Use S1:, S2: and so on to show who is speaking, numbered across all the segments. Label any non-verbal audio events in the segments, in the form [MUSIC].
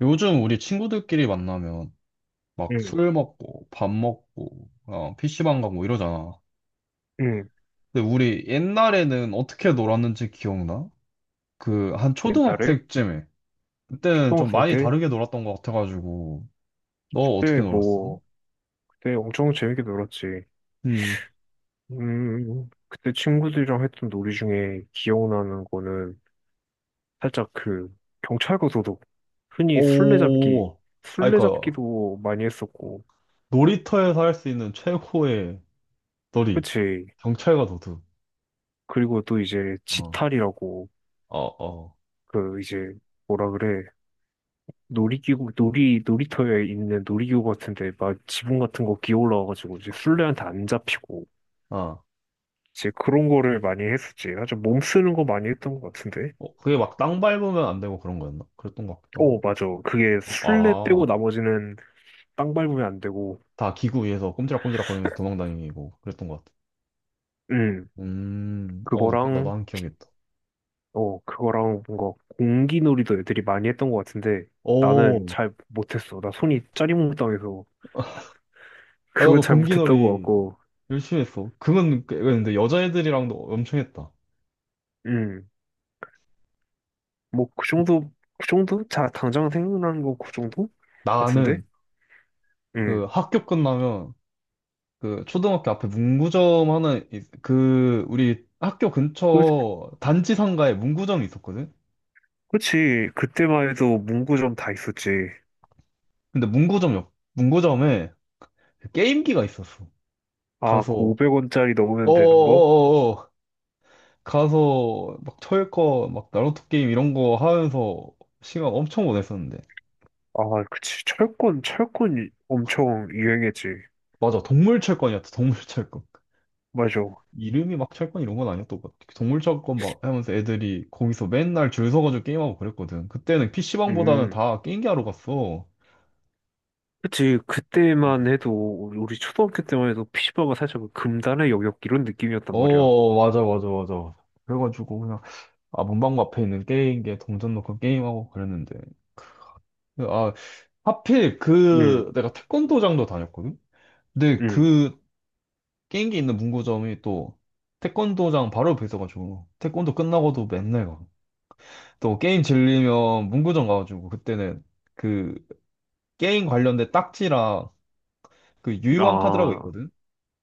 S1: 요즘 우리 친구들끼리 만나면 막
S2: 응,
S1: 술 먹고 밥 먹고 PC방 가고 이러잖아.
S2: 응.
S1: 근데 우리 옛날에는 어떻게 놀았는지 기억나? 그 한
S2: 옛날에
S1: 초등학생쯤에 그때는 좀
S2: 초등학생
S1: 많이
S2: 때,
S1: 다르게 놀았던 것 같아가지고 너 어떻게
S2: 그때,
S1: 놀았어?
S2: 뭐, 그때 엄청 재밌게 놀았지.
S1: 음,
S2: 그때 친구들이랑 했던 놀이 중에 기억나는 거는 살짝 그 경찰과 도둑, 흔히 술래잡기.
S1: 오, 아, 그니까,
S2: 술래잡기도 많이 했었고,
S1: 놀이터에서 할 수 있는 최고의 놀이.
S2: 그치?
S1: 경찰과 도둑.
S2: 그리고 또 이제
S1: 어,
S2: 지탈이라고,
S1: 어, 어,
S2: 그 이제 뭐라 그래? 놀이터에 있는 놀이기구 같은데 막 지붕 같은 거 기어 올라와가지고 이제 술래한테 안 잡히고
S1: 아.
S2: 이제 그런 거를 많이 했었지. 아주 몸 쓰는 거 많이 했던 것 같은데.
S1: 어, 그게 막 땅 밟으면 안 되고 그런 거였나? 그랬던 것 같기도
S2: 어,
S1: 하고.
S2: 맞아. 그게 술래 빼고
S1: 어,
S2: 나머지는 땅 밟으면 안 되고.
S1: 다 기구 위에서 꼼지락꼼지락 거리면서 도망다니고 그랬던 것 같아.
S2: 음,
S1: 어, 너 그럼 나도
S2: 그거랑,
S1: 한 기억이 있다.
S2: 그거랑 뭔가 공기놀이도 애들이 많이 했던 것 같은데, 나는
S1: 오,
S2: 잘 못했어. 나 손이 짜리몽땅해서
S1: 아,
S2: 그걸
S1: 나도
S2: 잘 못했던 것
S1: 공기놀이
S2: 같고.
S1: 열심히 했어. 근데 여자애들이랑도 엄청 했다.
S2: 음, 뭐 그 정도, 그 정도? 자, 당장 생각나는 거 그 정도?
S1: 나는
S2: 같은데? 음.
S1: 그 학교 끝나면 그 초등학교 앞에 그 우리 학교
S2: 그,
S1: 근처 단지 상가에 문구점이 있었거든?
S2: 그치. 그때만 해도 문구점 다 있었지.
S1: 근데 문구점에 게임기가 있었어.
S2: 아, 그
S1: 가서,
S2: 500원짜리 넣으면 되는 거?
S1: 어어어어어, 가서 막 철권, 막 나루토 게임 이런 거 하면서 시간 엄청 보냈었는데.
S2: 아, 그치. 철권, 철권 엄청 유행했지.
S1: 맞아, 동물 철권이었다, 동물 [LAUGHS] 철권.
S2: 맞아.
S1: 이름이 막 철권 이런 건 아니었던 것 같아. 동물 철권 막 하면서 애들이 거기서 맨날 줄 서가지고 게임하고 그랬거든. 그때는 PC방보다는
S2: 음.
S1: 다 게임기 하러 갔어.
S2: 그치.
S1: 어,
S2: 그때만 해도, 우리 초등학교 때만 해도 피시방가 살짝 그 금단의 영역 이런 느낌이었단 말이야.
S1: 어, 맞아, 맞아, 맞아. 그래가지고 그냥 아 문방구 앞에 있는 게임기에 동전 넣고 게임하고 그랬는데 아 하필 그
S2: 음,
S1: 내가 태권도장도 다녔거든. 근데
S2: 음.
S1: 그 게임기 있는 문구점이 또 태권도장 바로 옆에 있어가지고 태권도 끝나고도 맨날 가고 또 게임 질리면 문구점 가가지고 그때는 그 게임 관련된 딱지랑 그 유희왕 카드라고
S2: 아,
S1: 있거든.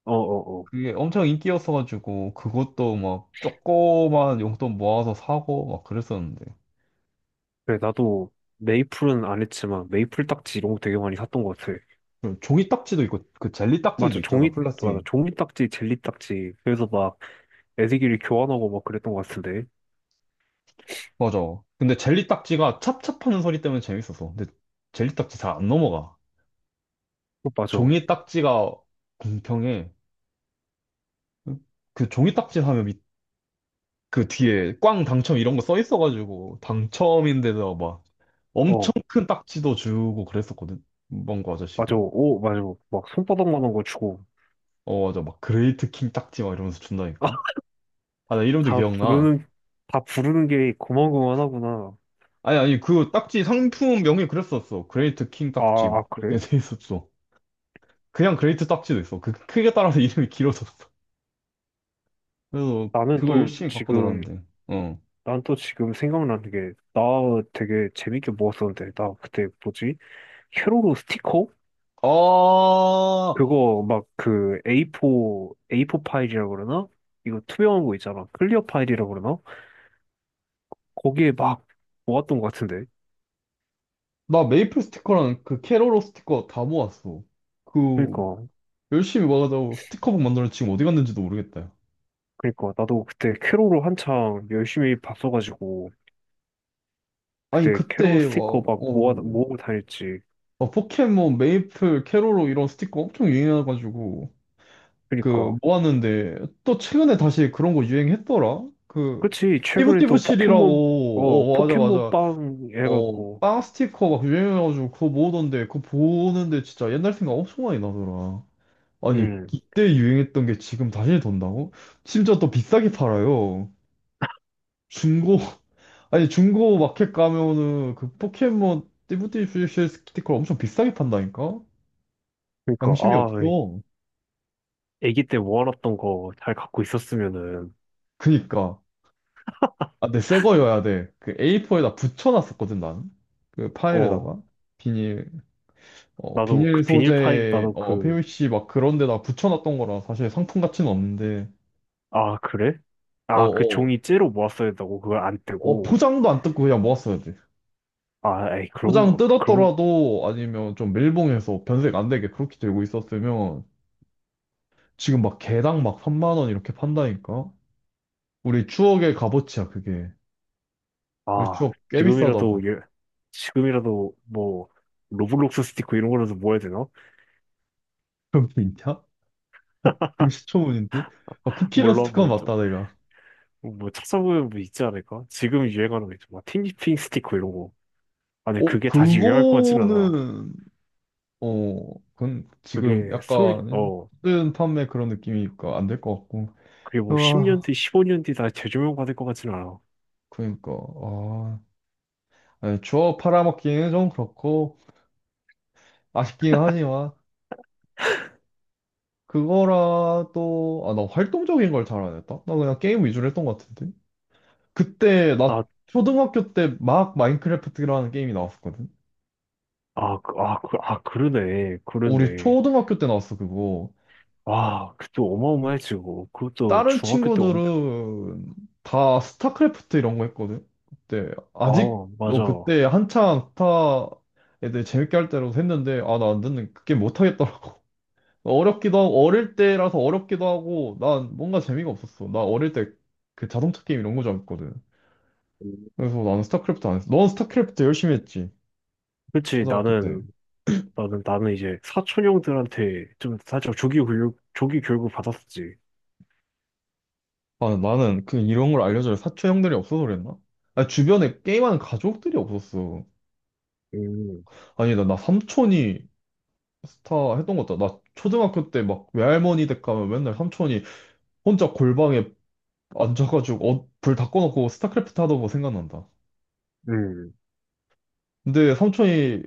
S2: 어어어.
S1: 그게 엄청 인기였어가지고 그것도 막 조그만 용돈 모아서 사고 막 그랬었는데
S2: 그래, 나도 메이플은 안 했지만, 메이플 딱지 이런 거 되게 많이 샀던 것 같아.
S1: 그 종이 딱지도 있고 그 젤리 딱지도
S2: 맞아.
S1: 있잖아,
S2: 종이, 맞아.
S1: 플라스틱.
S2: 종이 딱지, 젤리 딱지. 그래서 막 애들끼리 교환하고 막 그랬던 것 같은데.
S1: 맞아. 근데 젤리 딱지가 찹찹하는 소리 때문에 재밌었어. 근데 젤리 딱지 잘 안 넘어가.
S2: 어, 맞아.
S1: 종이 딱지가 공평해. 그 종이 딱지 사면 밑- 그 뒤에 꽝 당첨 이런 거 써 있어가지고 당첨인데도 막 엄청
S2: 어,
S1: 큰 딱지도 주고 그랬었거든. 문방구
S2: 맞아.
S1: 아저씨가.
S2: 오, 맞아. 막 손바닥만한 거 주고.
S1: 어, 맞아. 막 그레이트 킹 딱지 막 이러면서 준다니까. 아, 나 이름도
S2: 다
S1: 기억나.
S2: 부르는, 다 부르는 게 고만고만하구나.
S1: 아니, 아니, 그 딱지 상품 명이 그랬었어. 그레이트 킹
S2: 아,
S1: 딱지.
S2: 아,
S1: 뭐 그렇게 [LAUGHS]
S2: 그래?
S1: 돼 있었어. 그냥 그레이트 딱지도 있어. 그 크기에 따라서 [LAUGHS] 이름이 길어졌어. 그래서
S2: 나는
S1: 그거
S2: 또
S1: 열심히 갖고
S2: 지금,
S1: 놀았는데. 어.
S2: 난 또 지금 생각나는 게, 나 되게 재밌게 모았었는데, 나 그때 뭐지? 회로로 스티커?
S1: 아,
S2: 그거 막 그 A4, a 포 파일이라고 그러나? 이거 투명한 거 있잖아. 클리어 파일이라고 그러나? 거기에 막 모았던 것 같은데.
S1: 나 메이플 스티커랑 그 캐롤로 스티커 다 모았어. 그
S2: 그러니까,
S1: 열심히 모아가지고 스티커북 만들었는데 지금 어디 갔는지도 모르겠다.
S2: 그러니까 나도 그때 캐롤을 한창 열심히 봤어가지고,
S1: 아니
S2: 그때 캐롤
S1: 그때 막
S2: 스티커 막
S1: 어,
S2: 모으고 다녔지.
S1: 막 포켓몬, 메이플, 캐롤로 이런 스티커 엄청 유행해가지고
S2: 그러니까.
S1: 그 모았는데 또 최근에 다시 그런 거 유행했더라. 그
S2: 그치, 최근에 또 포켓몬, 어,
S1: 띠부띠부실이라고. 어 맞아 맞아.
S2: 포켓몬빵 해갖고.
S1: 어빵 스티커 막 유행해가지고 그거 모으던데 그거 보는데 진짜 옛날 생각 엄청 많이 나더라. 아니,
S2: 음,
S1: 이때 유행했던 게 지금 다시 돈다고? 심지어 또 비싸게 팔아요. 중고, [LAUGHS] 아니, 중고 마켓 가면은 그 포켓몬 띠부띠부 스티커 엄청 비싸게 판다니까?
S2: 그러니까,
S1: 양심이
S2: 아,
S1: 없어.
S2: 애기 때 모아놨던 거 잘 갖고 있었으면은,
S1: 그니까. 아, 근데 새 거여야 돼. 그 A4에다 붙여놨었거든, 나는. 그
S2: 어,
S1: 파일에다가. 비닐,
S2: 나도 그
S1: 비닐
S2: 비닐 파일,
S1: 소재,
S2: 나도 그,
S1: PVC 막 그런 데다 붙여놨던 거라 사실 상품 가치는 없는데,
S2: 아, 그래?
S1: 어,
S2: 아, 그
S1: 어,
S2: 종이 째로 모았어야 된다고 그걸 안
S1: 어,
S2: 떼고.
S1: 포장도 안 뜯고 그냥 모았어야 돼.
S2: 아, 에이,
S1: 포장
S2: 그럼.
S1: 뜯었더라도 아니면 좀 밀봉해서 변색 안 되게 그렇게 들고 있었으면 지금 막 개당 막 3만 원 이렇게 판다니까? 우리 추억의 값어치야 그게. 우리
S2: 아,
S1: 추억 꽤 비싸다고.
S2: 지금이라도, 예, 지금이라도, 뭐, 로블록스 스티커 이런 거라도 모아야 되나?
S1: [LAUGHS] 그게 있냐? 금시초문인데? 아
S2: [LAUGHS]
S1: 쿠키랑
S2: 몰라,
S1: 스티커는
S2: 뭐, 좀,
S1: 맞다 내가.
S2: 뭐, 찾아보면 뭐 있지 않을까? 지금 유행하는 거 있죠. 막, 티니핑 스티커 이런 거. 아니,
S1: 어
S2: 그게 다시 유행할 것 같진 않아.
S1: 그거는 어 그건 지금
S2: 그게 3,
S1: 약간
S2: 어,
S1: 뜬 판매 그런 느낌이니까 안될 것 같고.
S2: 그게 뭐 10년
S1: 와
S2: 뒤, 15년 뒤 다시 재조명 받을 것 같진 않아.
S1: 그러니까 아 아니, 추억 팔아먹기는 좀 그렇고 아쉽긴 하지만. 그거라도, 아, 나 활동적인 걸 잘 안 했다? 나 그냥 게임 위주로 했던 것 같은데? 그때, 나
S2: 아,
S1: 초등학교 때 막 마인크래프트라는 게임이 나왔었거든?
S2: 아, 그러네.
S1: 우리 초등학교 때 나왔어, 그거.
S2: 아, 그것도 어마어마해지고. 그것도
S1: 다른
S2: 중학교 때.
S1: 친구들은 다 스타크래프트 이런 거 했거든? 그때,
S2: 아,
S1: 아직, 어,
S2: 맞아.
S1: 그때 한창 스타 애들 재밌게 할 때라도 했는데, 아, 나 안 듣는, 그게 못 하겠더라고. [LAUGHS] 어렵기도 하고, 어릴 때라서 어렵기도 하고, 난 뭔가 재미가 없었어. 나 어릴 때 그 자동차 게임 이런 거 좋아했거든. 그래서 나는 스타크래프트 안 했어. 넌 스타크래프트 열심히 했지.
S2: 그치,
S1: 초등학교 때.
S2: 나는 이제 사촌 형들한테 좀 살짝 조기 교육을 받았었지.
S1: 아, 나는 그 이런 걸 알려줄 사촌 형들이 없어서 그랬나? 아, 주변에 게임하는 가족들이 없었어.
S2: 음,
S1: 아니, 나 삼촌이 스타 했던 것 같다. 나 초등학교 때 막 외할머니 댁 가면 맨날 삼촌이 혼자 골방에 앉아가지고 불 다 꺼놓고 스타크래프트 하던 거 생각난다.
S2: 음.
S1: 근데 삼촌이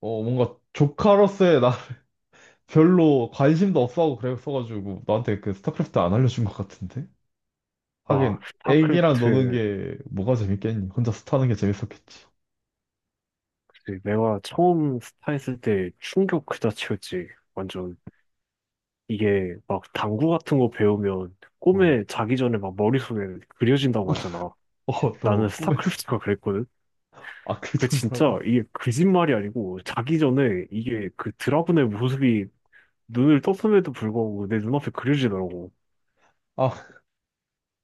S1: 어, 뭔가 조카로서의 나 [LAUGHS] 별로 관심도 없어하고 그랬어가지고 나한테 그 스타크래프트 안 알려준 것 같은데?
S2: 아,
S1: 하긴 애기랑 노는
S2: 스타크래프트,
S1: 게 뭐가 재밌겠니? 혼자 스타하는 게 재밌었겠지.
S2: 그 내가 처음 스타 했을 때 충격 그 자체였지. 완전. 이게 막 당구 같은 거 배우면
S1: 어,
S2: 꿈에 자기 전에 막 머릿속에 그려진다고 하잖아.
S1: 어,
S2: 나는
S1: 너 꿈에서
S2: 스타크래프트가 그랬거든.
S1: 아 그
S2: 그 진짜
S1: 정도라고?
S2: 이게 거짓말이 아니고 자기 전에 이게 그 드라군의 모습이 눈을 떴음에도 불구하고 내 눈앞에 그려지더라고.
S1: 아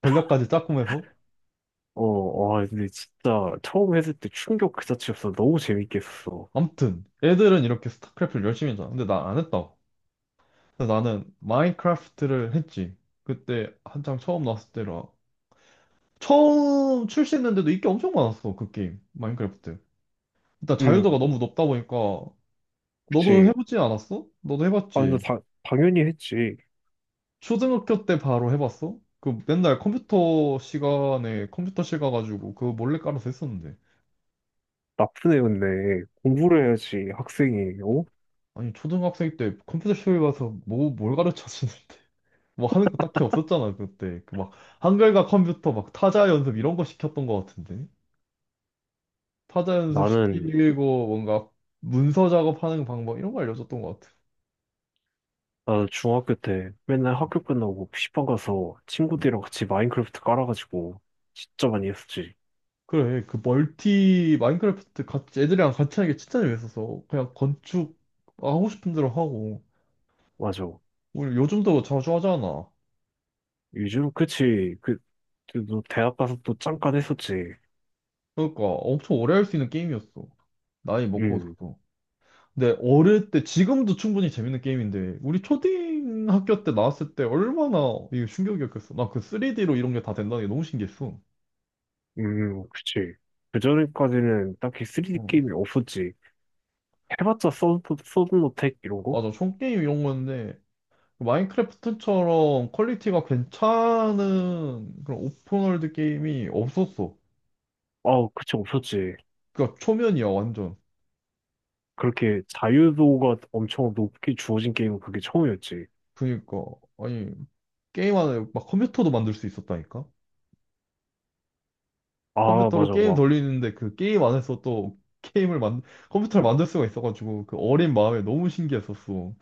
S1: 전략까지 짜꿈해서
S2: 어, 와, 근데 진짜 처음 했을 때 충격 그 자체였어. 너무 재밌게 했었어.
S1: 아무튼 애들은 이렇게 스타크래프트를 열심히 했잖아. 근데 난 안 했다. 그래서 나는 마인크래프트를 했지. 그때 한창 처음 나왔을 때라 처음 출시했는데도 인기 엄청 많았어 그 게임 마인크래프트. 일단
S2: 응,
S1: 자유도가 너무 높다 보니까 너도
S2: 그치.
S1: 해보지 않았어? 너도
S2: 아, 근데
S1: 해봤지.
S2: 당연히 했지.
S1: 초등학교 때 바로 해봤어? 그 맨날 컴퓨터 시간에 컴퓨터실 가가지고 그거 몰래 깔아서 했었는데.
S2: 나쁜 애였네. 공부를 해야지, 학생이. 어?
S1: 아니, 초등학생 때 컴퓨터실 가서 뭐, 뭘 가르쳐 주는데. [LAUGHS] 뭐 하는 거 딱히 없었잖아, 그때. 그 막, 한글과 컴퓨터 막 타자 연습 이런 거 시켰던 거 같은데. 타자 연습
S2: 나는
S1: 시키고 뭔가 문서 작업하는 방법 이런 거 알려줬던 것 같아.
S2: 나는 중학교 때 맨날 학교 끝나고 피시방 가서
S1: 음.
S2: 친구들이랑 같이 마인크래프트 깔아가지고 진짜 많이 했었지.
S1: 그래, 그 멀티 마인크래프트 같이 애들이랑 같이 하는 게 진짜 재밌었어. 그냥 건축 하고 싶은 대로 하고.
S2: 맞아.
S1: 우리 요즘도 자주 하잖아.
S2: 요즘 그치. 너 대학 가서 또 잠깐 했었지.
S1: 그러니까 엄청 오래 할 수 있는 게임이었어. 나이
S2: 음,
S1: 먹고서도. 근데 어릴 때 지금도 충분히 재밌는 게임인데 우리 초등학교 때 나왔을 때 얼마나 이게 충격이었겠어. 나 그 3D로 이런 게 다 된다는 게 너무 신기했어.
S2: 그치. 그전에까지는 딱히 3D
S1: 어.
S2: 게임이 없었지. 해봤자 서든 어택 이런 거?
S1: 맞아. 총 게임 이런 건데 마인크래프트처럼 퀄리티가 괜찮은 그런 오픈월드 게임이 없었어.
S2: 아, 그치, 없었지.
S1: 그러니까 초면이야 완전.
S2: 그렇게 자유도가 엄청 높게 주어진 게임은 그게 처음이었지.
S1: 그러니까 아니 게임 안에 막 컴퓨터도 만들 수 있었다니까.
S2: 아,
S1: 컴퓨터로
S2: 맞아,
S1: 게임
S2: 막,
S1: 돌리는데 그 게임 안에서 또 게임을 만 컴퓨터를 만들 수가 있어가지고 그 어린 마음에 너무 신기했었어.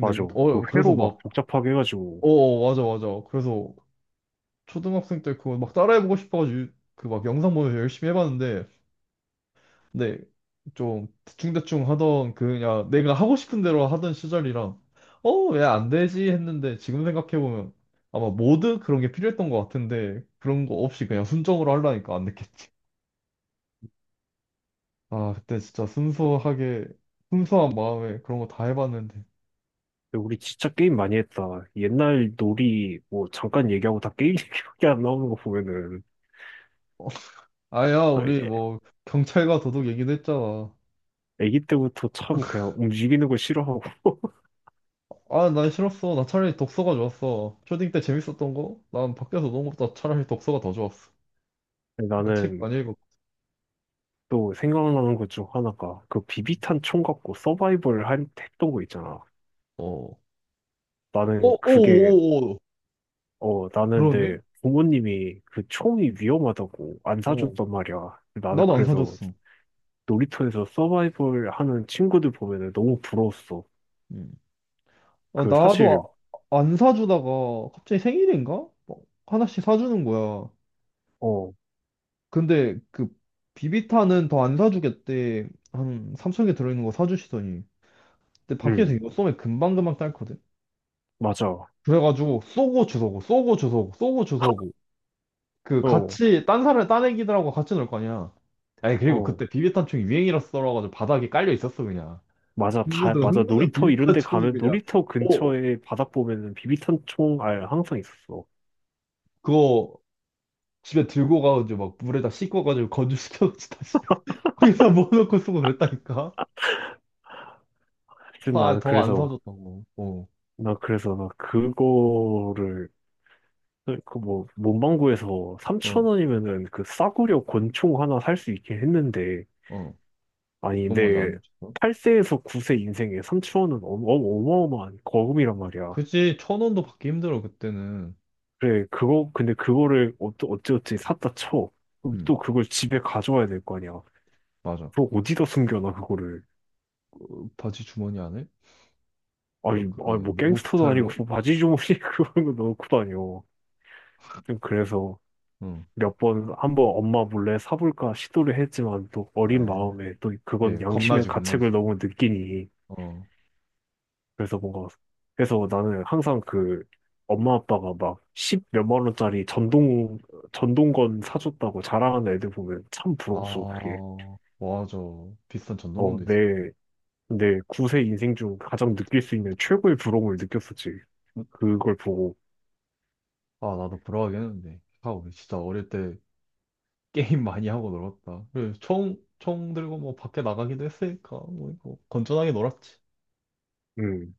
S2: 맞아. 그
S1: 어 그래서
S2: 회로 막
S1: 막
S2: 복잡하게 해가지고.
S1: 어 어, 맞아 맞아. 그래서 초등학생 때 그거 막 따라해보고 싶어가지고 그 막 영상 보면서 열심히 해봤는데 근데 좀 대충대충 하던 그 그냥 내가 하고 싶은 대로 하던 시절이라 어 왜 안 되지 했는데 지금 생각해보면 아마 모드 그런 게 필요했던 것 같은데 그런 거 없이 그냥 순정으로 하려니까 안 됐겠지. 아, 그때 진짜 순수하게, 순수한 마음에 그런 거 다 해봤는데.
S2: 근데 우리 진짜 게임 많이 했다. 옛날 놀이 뭐 잠깐 얘기하고 다 게임 [LAUGHS] 얘기밖에 안 나오는 거 보면은.
S1: 아야,
S2: 아,
S1: 우리
S2: 예.
S1: 뭐, 경찰과 도둑 얘기도 했잖아.
S2: 애기 때부터 참 그냥 움직이는 거 싫어하고.
S1: 아, 난 싫었어. 나 차라리 독서가 좋았어. 초딩 때 재밌었던 거? 난 밖에서 노는 것보다 차라리 독서가 더 좋았어.
S2: 근데
S1: 나 책
S2: 나는
S1: 많이 읽었고.
S2: 또 생각나는 것 중 하나가 그 비비탄 총 갖고 서바이벌 했던 거 있잖아.
S1: 어. 어, 오,
S2: 나는
S1: 오,
S2: 그게.
S1: 오.
S2: 어 나는
S1: 그러네?
S2: 내 부모님이 그 총이 위험하다고 안
S1: 어.
S2: 사줬단 말이야. 나는
S1: 나도 안
S2: 그래서
S1: 사줬어.
S2: 놀이터에서 서바이벌 하는 친구들 보면은 너무 부러웠어.
S1: 음. 아,
S2: 그 사실.
S1: 나도 안 사주다가 갑자기 생일인가? 뭐 하나씩 사주는 거야.
S2: 어,
S1: 근데 그 비비탄은 더 안 사주겠대. 한 3,000개 들어있는 거 사주시더니. 근데 밖에서
S2: 음.
S1: 이거 쏘면 금방금방 딸거든?
S2: 맞아.
S1: 그래가지고 쏘고 주소고 쏘고 주소고 쏘고 주소고 그
S2: 어,
S1: 같이 딴 사람 딴 애기들하고 같이 놀 거 아니야. 아니 그리고
S2: 어,
S1: 그때 비비탄 총이 유행이라서라가지고 바닥에 깔려 있었어 그냥.
S2: 맞아,
S1: 흥무든
S2: 맞아.
S1: 흥무든
S2: 놀이터 이런
S1: 비비탄
S2: 데
S1: 총이
S2: 가면,
S1: 그냥
S2: 놀이터
S1: 어
S2: 근처에 바닥 보면은 비비탄 총알 항상 있었어.
S1: 그거 집에 들고 가가지고 막 물에다 씻고가지고 건조시켜가지고 다시 [LAUGHS] 거기다 뭐넣놓고 쓰고 그랬다니까.
S2: 사실
S1: 아
S2: 나는
S1: 더 안
S2: 그래서,
S1: 사줬다고. 어
S2: 나 그래서 나 그거를, 그 뭐, 문방구에서
S1: 어,
S2: 3천 원이면은 그 싸구려 권총 하나 살 수 있긴 했는데,
S1: 어.
S2: 아니,
S1: 그건 맞아, 안
S2: 내
S1: 해줬어.
S2: 8세에서 9세 인생에 3천 원은 어마어마한 거금이란 말이야.
S1: 그치, 천 원도 받기 힘들어, 그때는.
S2: 그래, 그거, 근데 그거를 어찌어찌 샀다 쳐. 그럼
S1: 음,
S2: 또 그걸 집에 가져와야 될 거 아니야.
S1: 맞아.
S2: 그거 어디다 숨겨놔, 그거를.
S1: 그 바지 주머니 안에? 어,
S2: 아니
S1: 그,
S2: 뭐
S1: 미국
S2: 갱스터도 아니고
S1: 스타일로?
S2: 뭐 바지 주머니 [LAUGHS] 그런 거 넣고 다녀. 좀 그래서
S1: 응.
S2: 한번 엄마 몰래 사볼까 시도를 했지만 또 어린
S1: 아,
S2: 마음에 또 그건
S1: 예,
S2: 양심의
S1: 겁나지, 겁나지.
S2: 가책을 너무 느끼니.
S1: 어.
S2: 그래서 뭔가, 그래서 나는 항상 그 엄마 아빠가 막 십 몇만 원짜리 전동건 사줬다고 자랑하는 애들 보면 참 부러웠어, 그게.
S1: 아, 맞아. 비싼
S2: 어,
S1: 전동건도 있어.
S2: 내 9세 인생 중 가장 느낄 수 있는 최고의 부러움을 느꼈었지. 그걸 보고.
S1: 아, 나도 부러워하긴 했는데. 아, 우리 진짜 어릴 때 게임 많이 하고 놀았다. 그래, 총, 총 들고 뭐 밖에 나가기도 했으니까, 뭐, 이거 건전하게 놀았지.
S2: 음.